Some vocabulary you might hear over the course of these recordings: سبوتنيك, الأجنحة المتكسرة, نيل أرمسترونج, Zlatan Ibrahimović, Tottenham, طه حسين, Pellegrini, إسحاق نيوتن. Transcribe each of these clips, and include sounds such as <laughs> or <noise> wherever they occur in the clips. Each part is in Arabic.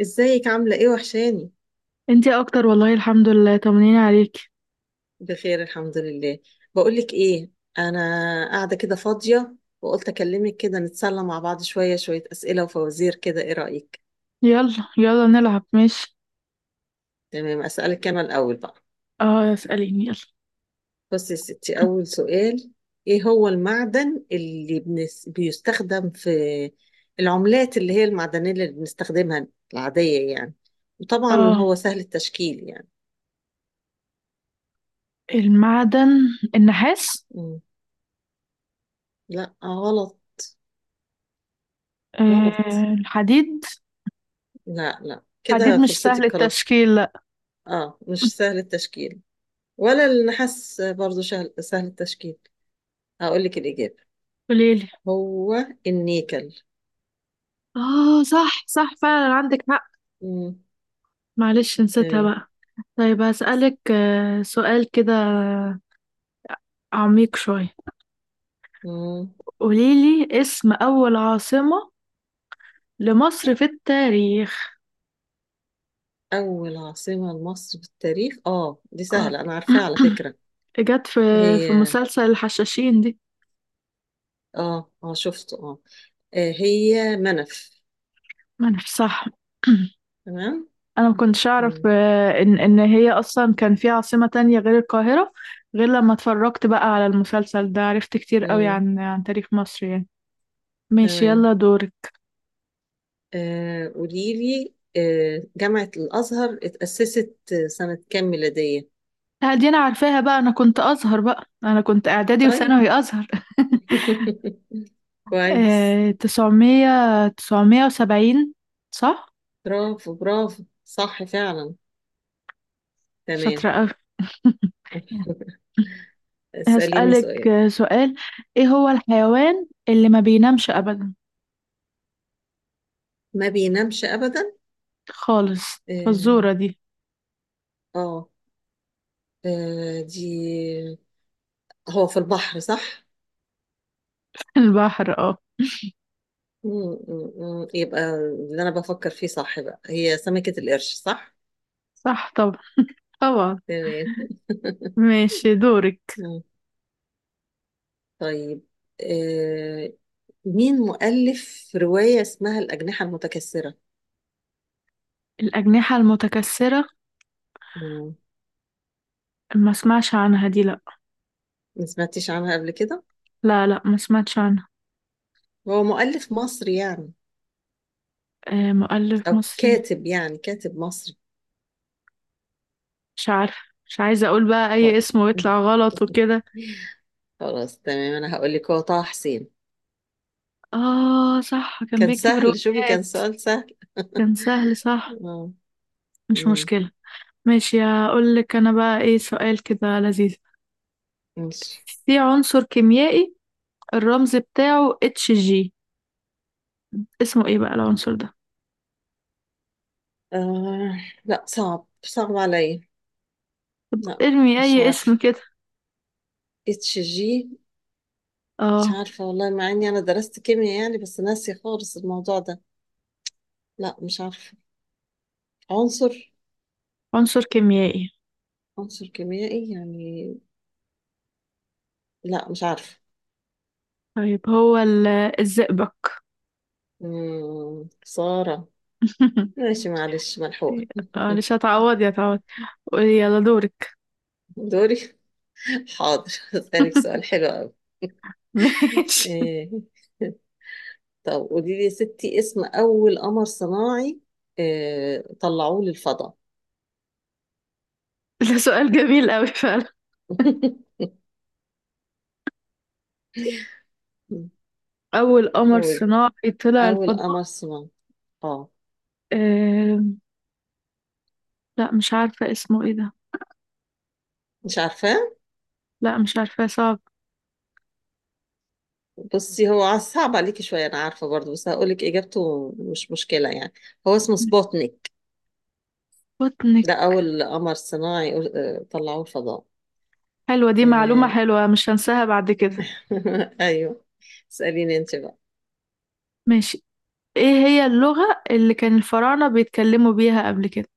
ازيك عاملة ايه؟ وحشاني. انتي اكتر والله الحمد لله طمنيني عليك. بخير الحمد لله. بقولك ايه، انا قاعدة كده فاضية وقلت اكلمك كده نتسلى مع بعض، شوية شوية اسئلة وفوازير كده، ايه رأيك؟ يلا يلا نلعب ماشي. تمام، اسألك انا الاول بقى. اه اسأليني يلا. بصي يا ستي، اول سؤال: ايه هو المعدن اللي بيستخدم في العملات، اللي هي المعدنية اللي بنستخدمها العادية يعني، وطبعا اه هو سهل التشكيل يعني. المعدن النحاس. مم. لا غلط. غلط. آه الحديد. لا لا حديد كده مش سهل فرصتك خلاص. التشكيل لا. اه مش سهل التشكيل، ولا النحاس برضو سهل التشكيل. هقول لك الإجابة: قوليلي. هو النيكل. اه صح صح فعلا عندك حق. مم. معلش نسيتها تمام. بقى. طيب هسألك سؤال كده عميق شوية. مم. قوليلي اسم أول عاصمة لمصر في التاريخ. أول عاصمة لمصر في التاريخ، اه دي اه سهلة أنا عارفاها على فكرة. <clears throat> جت في هي. مسلسل الحشاشين دي. اه اه شفته اه. هي منف. ما انا صح تمام. <clears throat> انا ما كنتش اعرف، مم. ان هي اصلا كان في عاصمة تانية غير القاهرة. غير لما اتفرجت بقى على المسلسل ده عرفت كتير قوي مم. عن تاريخ مصر يعني. ماشي تمام. يلا دورك. قولي لي، جامعة الأزهر اتأسست سنة كام ميلادية؟ دي انا عارفاها بقى، انا كنت ازهر، بقى انا كنت اعدادي طيب. وثانوي ازهر. <laughs> <laughs> كويس. آه، تسعمية 970 صح. برافو برافو صح فعلا. تمام. شاطرة قوي. <laughs> <laughs> اسأليني هسألك سؤال. سؤال. ايه هو الحيوان اللي ما بينامش ابدا ما بينامش أبدا. خالص آم، فالزورة دي؟ اه. دي، هو في البحر صح؟ <laughs> البحر اه. م- م- م. يبقى اللي أنا بفكر فيه صح، بقى هي سمكة القرش صح؟ صح طبعا طبعا. تمام. ماشي دورك. م. طيب. آه، مين مؤلف رواية اسمها الأجنحة المتكسرة؟ الأجنحة المتكسرة. م. ما اسمعش عنها دي لا. ما سمعتيش عنها قبل كده؟ لا لا، ما سمعتش عنها. هو مؤلف مصري يعني، آه مؤلف أو مصري. كاتب، يعني كاتب مصري. مش عارفة، مش عايزة أقول بقى أي طيب. اسم <laughs> ويطلع غلط وكده. خلاص تمام، انا هقول لك، هو طه حسين. آه صح، كان كان بيكتب سهل، شوفي كان روايات. سؤال سهل. كان سهل صح. اه. مش مم. مشكلة. ماشي هقول لك أنا بقى إيه سؤال كده لذيذ. ماشي. في عنصر كيميائي الرمز بتاعه اتش جي، اسمه إيه بقى العنصر ده؟ آه. لا، صعب صعب عليا. لا ارمي مش أي اسم عارفه. كده. اتش جي؟ مش آه عارفه والله، مع اني انا درست كيمياء يعني بس ناسي خالص الموضوع ده. لا مش عارفه. عنصر. عنصر كيميائي. عنصر كيميائي يعني. لا مش عارفه. طيب هو الزئبق. مم. سارة. <laughs> ماشي معلش، ملحوقة. <laughs> معلش هتعوض يا تعوض. يلا دورك. دوري. حاضر، هسألك سؤال <laughs> حلو قوي. ماشي. إيه. <laughs> طب قولي لي يا ستي، اسم أول قمر صناعي إيه طلعوه للفضاء؟ ده سؤال جميل قوي فعلا. <laughs> أول قمر قولي. صناعي طلع أول الفضاء. قمر صناعي، اه. آه... لا مش عارفة اسمه ايه ده. مش عارفاه؟ لا مش عارفة، صعب. بصي هو صعب عليكي شوية، أنا عارفة برضه بس هقولك إجابته، مش مشكلة يعني. هو اسمه سبوتنيك. سبوتنيك. ده أول قمر صناعي طلعوه الفضاء. حلوة دي، معلومة إيه. حلوة مش هنساها بعد كده. <laughs> أيوه. اسأليني أنت بقى. ماشي. ايه هي اللغة اللي كان الفراعنة بيتكلموا بيها قبل كده؟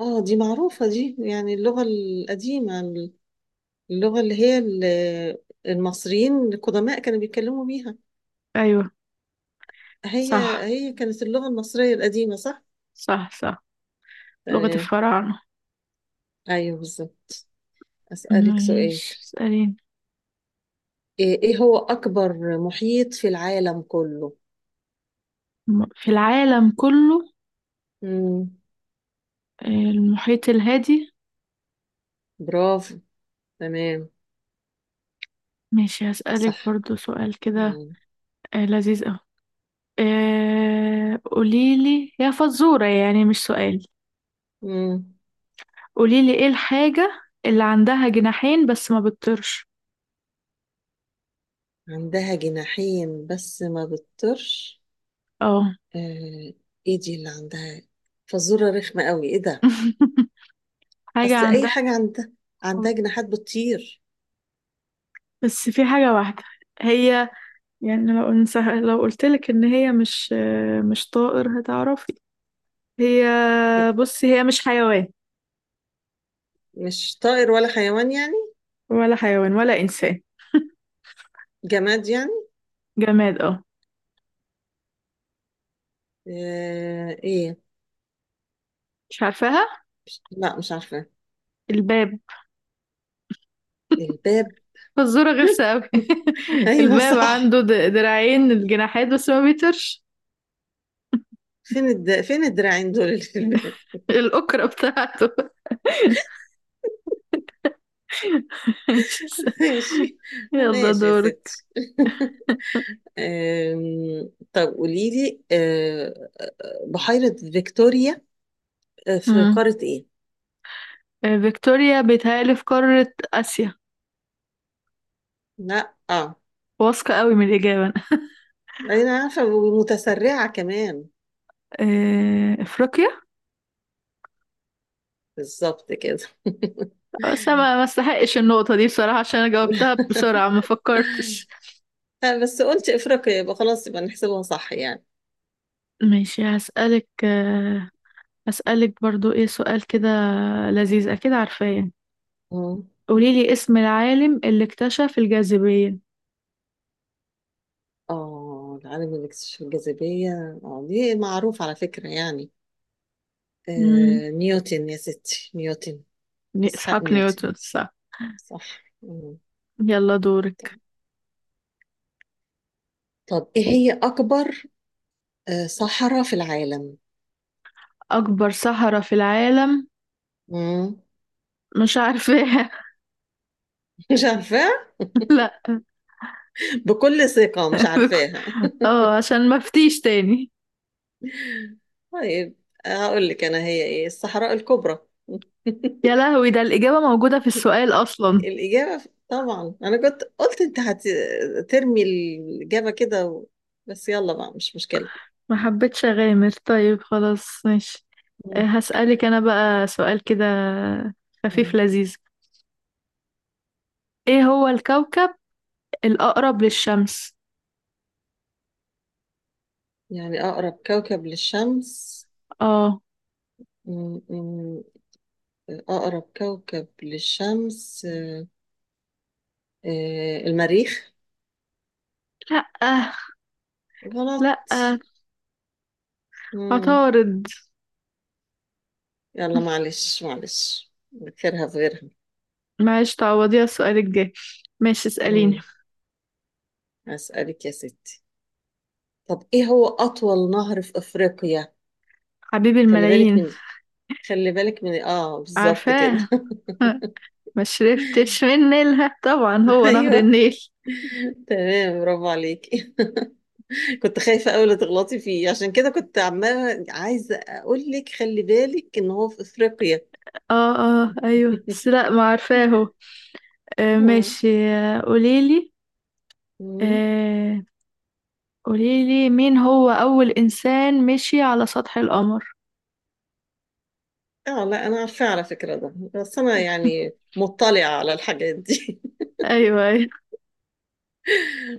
اه دي معروفة دي، يعني اللغة القديمة، اللغة اللي هي المصريين القدماء كانوا بيتكلموا بيها. أيوة. هي. صح هي كانت اللغة المصرية القديمة صح؟ صح صح. لغة تمام. الفراعنة. أيوه بالظبط. أسألك سؤال. ماشي اسأليني. إيه هو أكبر محيط في العالم كله؟ في العالم كله. مم. المحيط الهادي. برافو. تمام. ماشي هسألك صح. برضو سؤال كده. تمام. لذيذ أوي. قوليلي يا فزورة يعني، مش سؤال. مم. قوليلي ايه الحاجة اللي عندها جناحين بس ما بتطيرش؟ عندها جناحين بس ما بتطرش؟ اه. آه. إيه دي اللي عندها؟ فزورة رخمة قوي إيه ده؟ <laughs> حاجة أصل أي عندها. حاجة عندها، عندها جناحات بتطير. بس في حاجة واحدة. هي يعني لو قلتلك ان هي مش، مش طائر هتعرفي. هي بصي هي مش حيوان، مش طائر ولا حيوان يعني؟ ولا حيوان ولا انسان. جماد يعني؟ جماد اه. آه ايه؟ مش عارفاها. لا مش عارفة. الباب. الباب. فزورة غلسة <laughs> أوي. <laughs> ايوه الباب صح. عنده دراعين الجناحات بس ما بيطيرش. فين الدراعين دول <laughs> اللي في الباب؟ الأكرة بتاعته. <laughs> <laughs> ماشي. يلا ماشي يا دورك. ستي. <laughs> طب قولي لي، بحيرة فيكتوريا في مم. قارة ايه؟ فيكتوريا بيتهيألي في قارة آسيا. لا اه. واثقة قوي من الإجابة أنا. انا عارفة ومتسرعة كمان. أفريقيا. بالظبط كده. <laughs> بس أنا ما استحقش النقطة دي بصراحة، عشان أنا جاوبتها بسرعة ما فكرتش. بس قلت افريقيا يبقى خلاص، يبقى نحسبها صح يعني. ماشي هسألك برضو إيه سؤال كده لذيذ أكيد عارفاه يعني. مم. قوليلي اسم العالم اللي اكتشف الجاذبية. اه العالم اللي اكتشف الجاذبية، اه دي معروف على فكرة يعني. مم. آه نيوتن يا ستي، نيوتن. إسحاق إسحاق نيوتن. نيوتن صح. صح. مم. يلا دورك. طب ايه هي أكبر صحراء في العالم؟ أكبر صحراء في العالم. مم. مش عارفاها. <laughs> مش عارفاها؟ <laughs> لا. بكل ثقة مش عارفاها. <laughs> اه، عشان ما افتيش تاني. طيب هقول لك أنا، هي ايه؟ الصحراء الكبرى. <laughs> يا لهوي ده الإجابة موجودة في السؤال أصلا. الإجابة طبعا أنا كنت قلت أنت هترمي الإجابة كده و... بس يلا بقى مش مشكلة. ما حبيتش أغامر. طيب خلاص ماشي. مم. هسألك أنا بقى سؤال كده خفيف لذيذ. إيه هو الكوكب الأقرب للشمس؟ يعني أقرب كوكب للشمس. اه. م- م- أقرب كوكب للشمس، المريخ. لأ غلط. لأ. مم. عطارد. يلا معلش معلش نذكرها في غيرها. معلش تعوضيها السؤال الجاي. ماشي اسأليني. مم. هسألك يا ستي، طب إيه هو أطول نهر في أفريقيا؟ حبيب خلي بالك الملايين. من. خلي بالك من، بالظبط كده. عارفاه. <laughs> <laughs> ما شربتش من نيلها، طبعا هو نهر أيوه. النيل. تمام برافو عليكي. <laughs> كنت خايفة أوي لا تغلطي فيه، عشان كده كنت عمالة عايزة أقول لك خلي بالك إن هو في أفريقيا. اه اه ايوه، بس لا <laughs> ما عارفاه هو. آه آه. ماشي، مم. آه قوليلي مين هو أول إنسان مشي على سطح القمر. لا أنا عارفة على فكرة ده، بس أنا يعني مطلعة على الحاجات دي. ايوه ايوه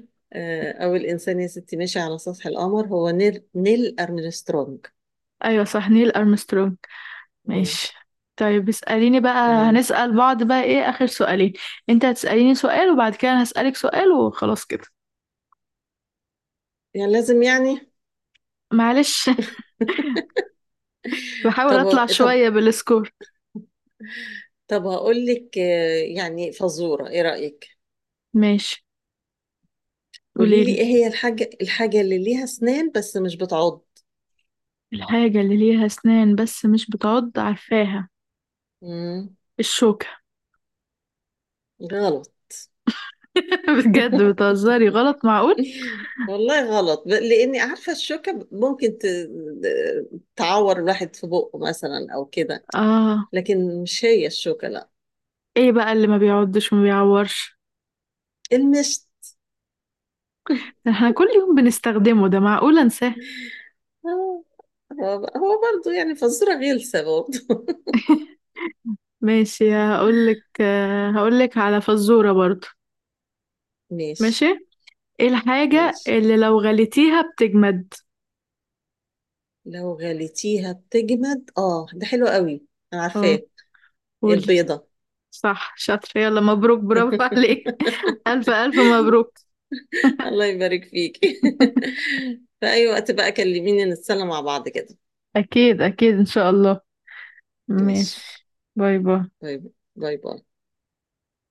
<laughs> آه، أول إنسان يا ستي ماشي على سطح القمر هو نيل أرمسترونج. ايوه، صح نيل أرمسترونج. مم. ماشي. طيب اسأليني بقى، تمام. هنسأل بعض بقى، ايه آخر سؤالين. انت هتسأليني سؤال وبعد كده انا هسألك سؤال وخلاص كده. يعني لازم يعني؟ معلش. <laughs> <laughs> بحاول طب اطلع طب. شوية بالسكور. طب هقول لك، يعني فزورة، إيه رأيك؟ ماشي قولي لي، قوليلي إيه هي الحاجة اللي ليها أسنان بس مش بتعض؟ الحاجة اللي ليها اسنان بس مش بتعض عارفاها. مم. الشوكة. غلط. <laughs> بجد <laughs> بتهزري، غلط معقول. والله غلط، لاني عارفه الشوكه ممكن تعور الواحد في بقه مثلا او كده، اه، لكن مش هي الشوكه لا. ايه بقى اللي ما بيعضش وما بيعورش؟ المشت. <laughs> ده احنا كل يوم بنستخدمه، ده معقول انساه. هو هو برضه يعني فزوره غلسه برضه. <laughs> ماشي هقولك على فزورة برضو. <laughs> ماشي، ماشي. ايه الحاجة ماشي. اللي لو غليتيها بتجمد؟ لو غليتيها بتجمد، اه ده حلو قوي. انا اه عارفاه. قولي. البيضه. صح شاطرة، يلا مبروك برافو عليك. <laughs> ألف <laughs> ألف مبروك. الله يبارك فيك. <laughs> في اي وقت بقى كلميني نتسلى مع بعض كده. أكيد أكيد إن شاء الله. ماشي. ماشي. باي باي. طيب، باي باي.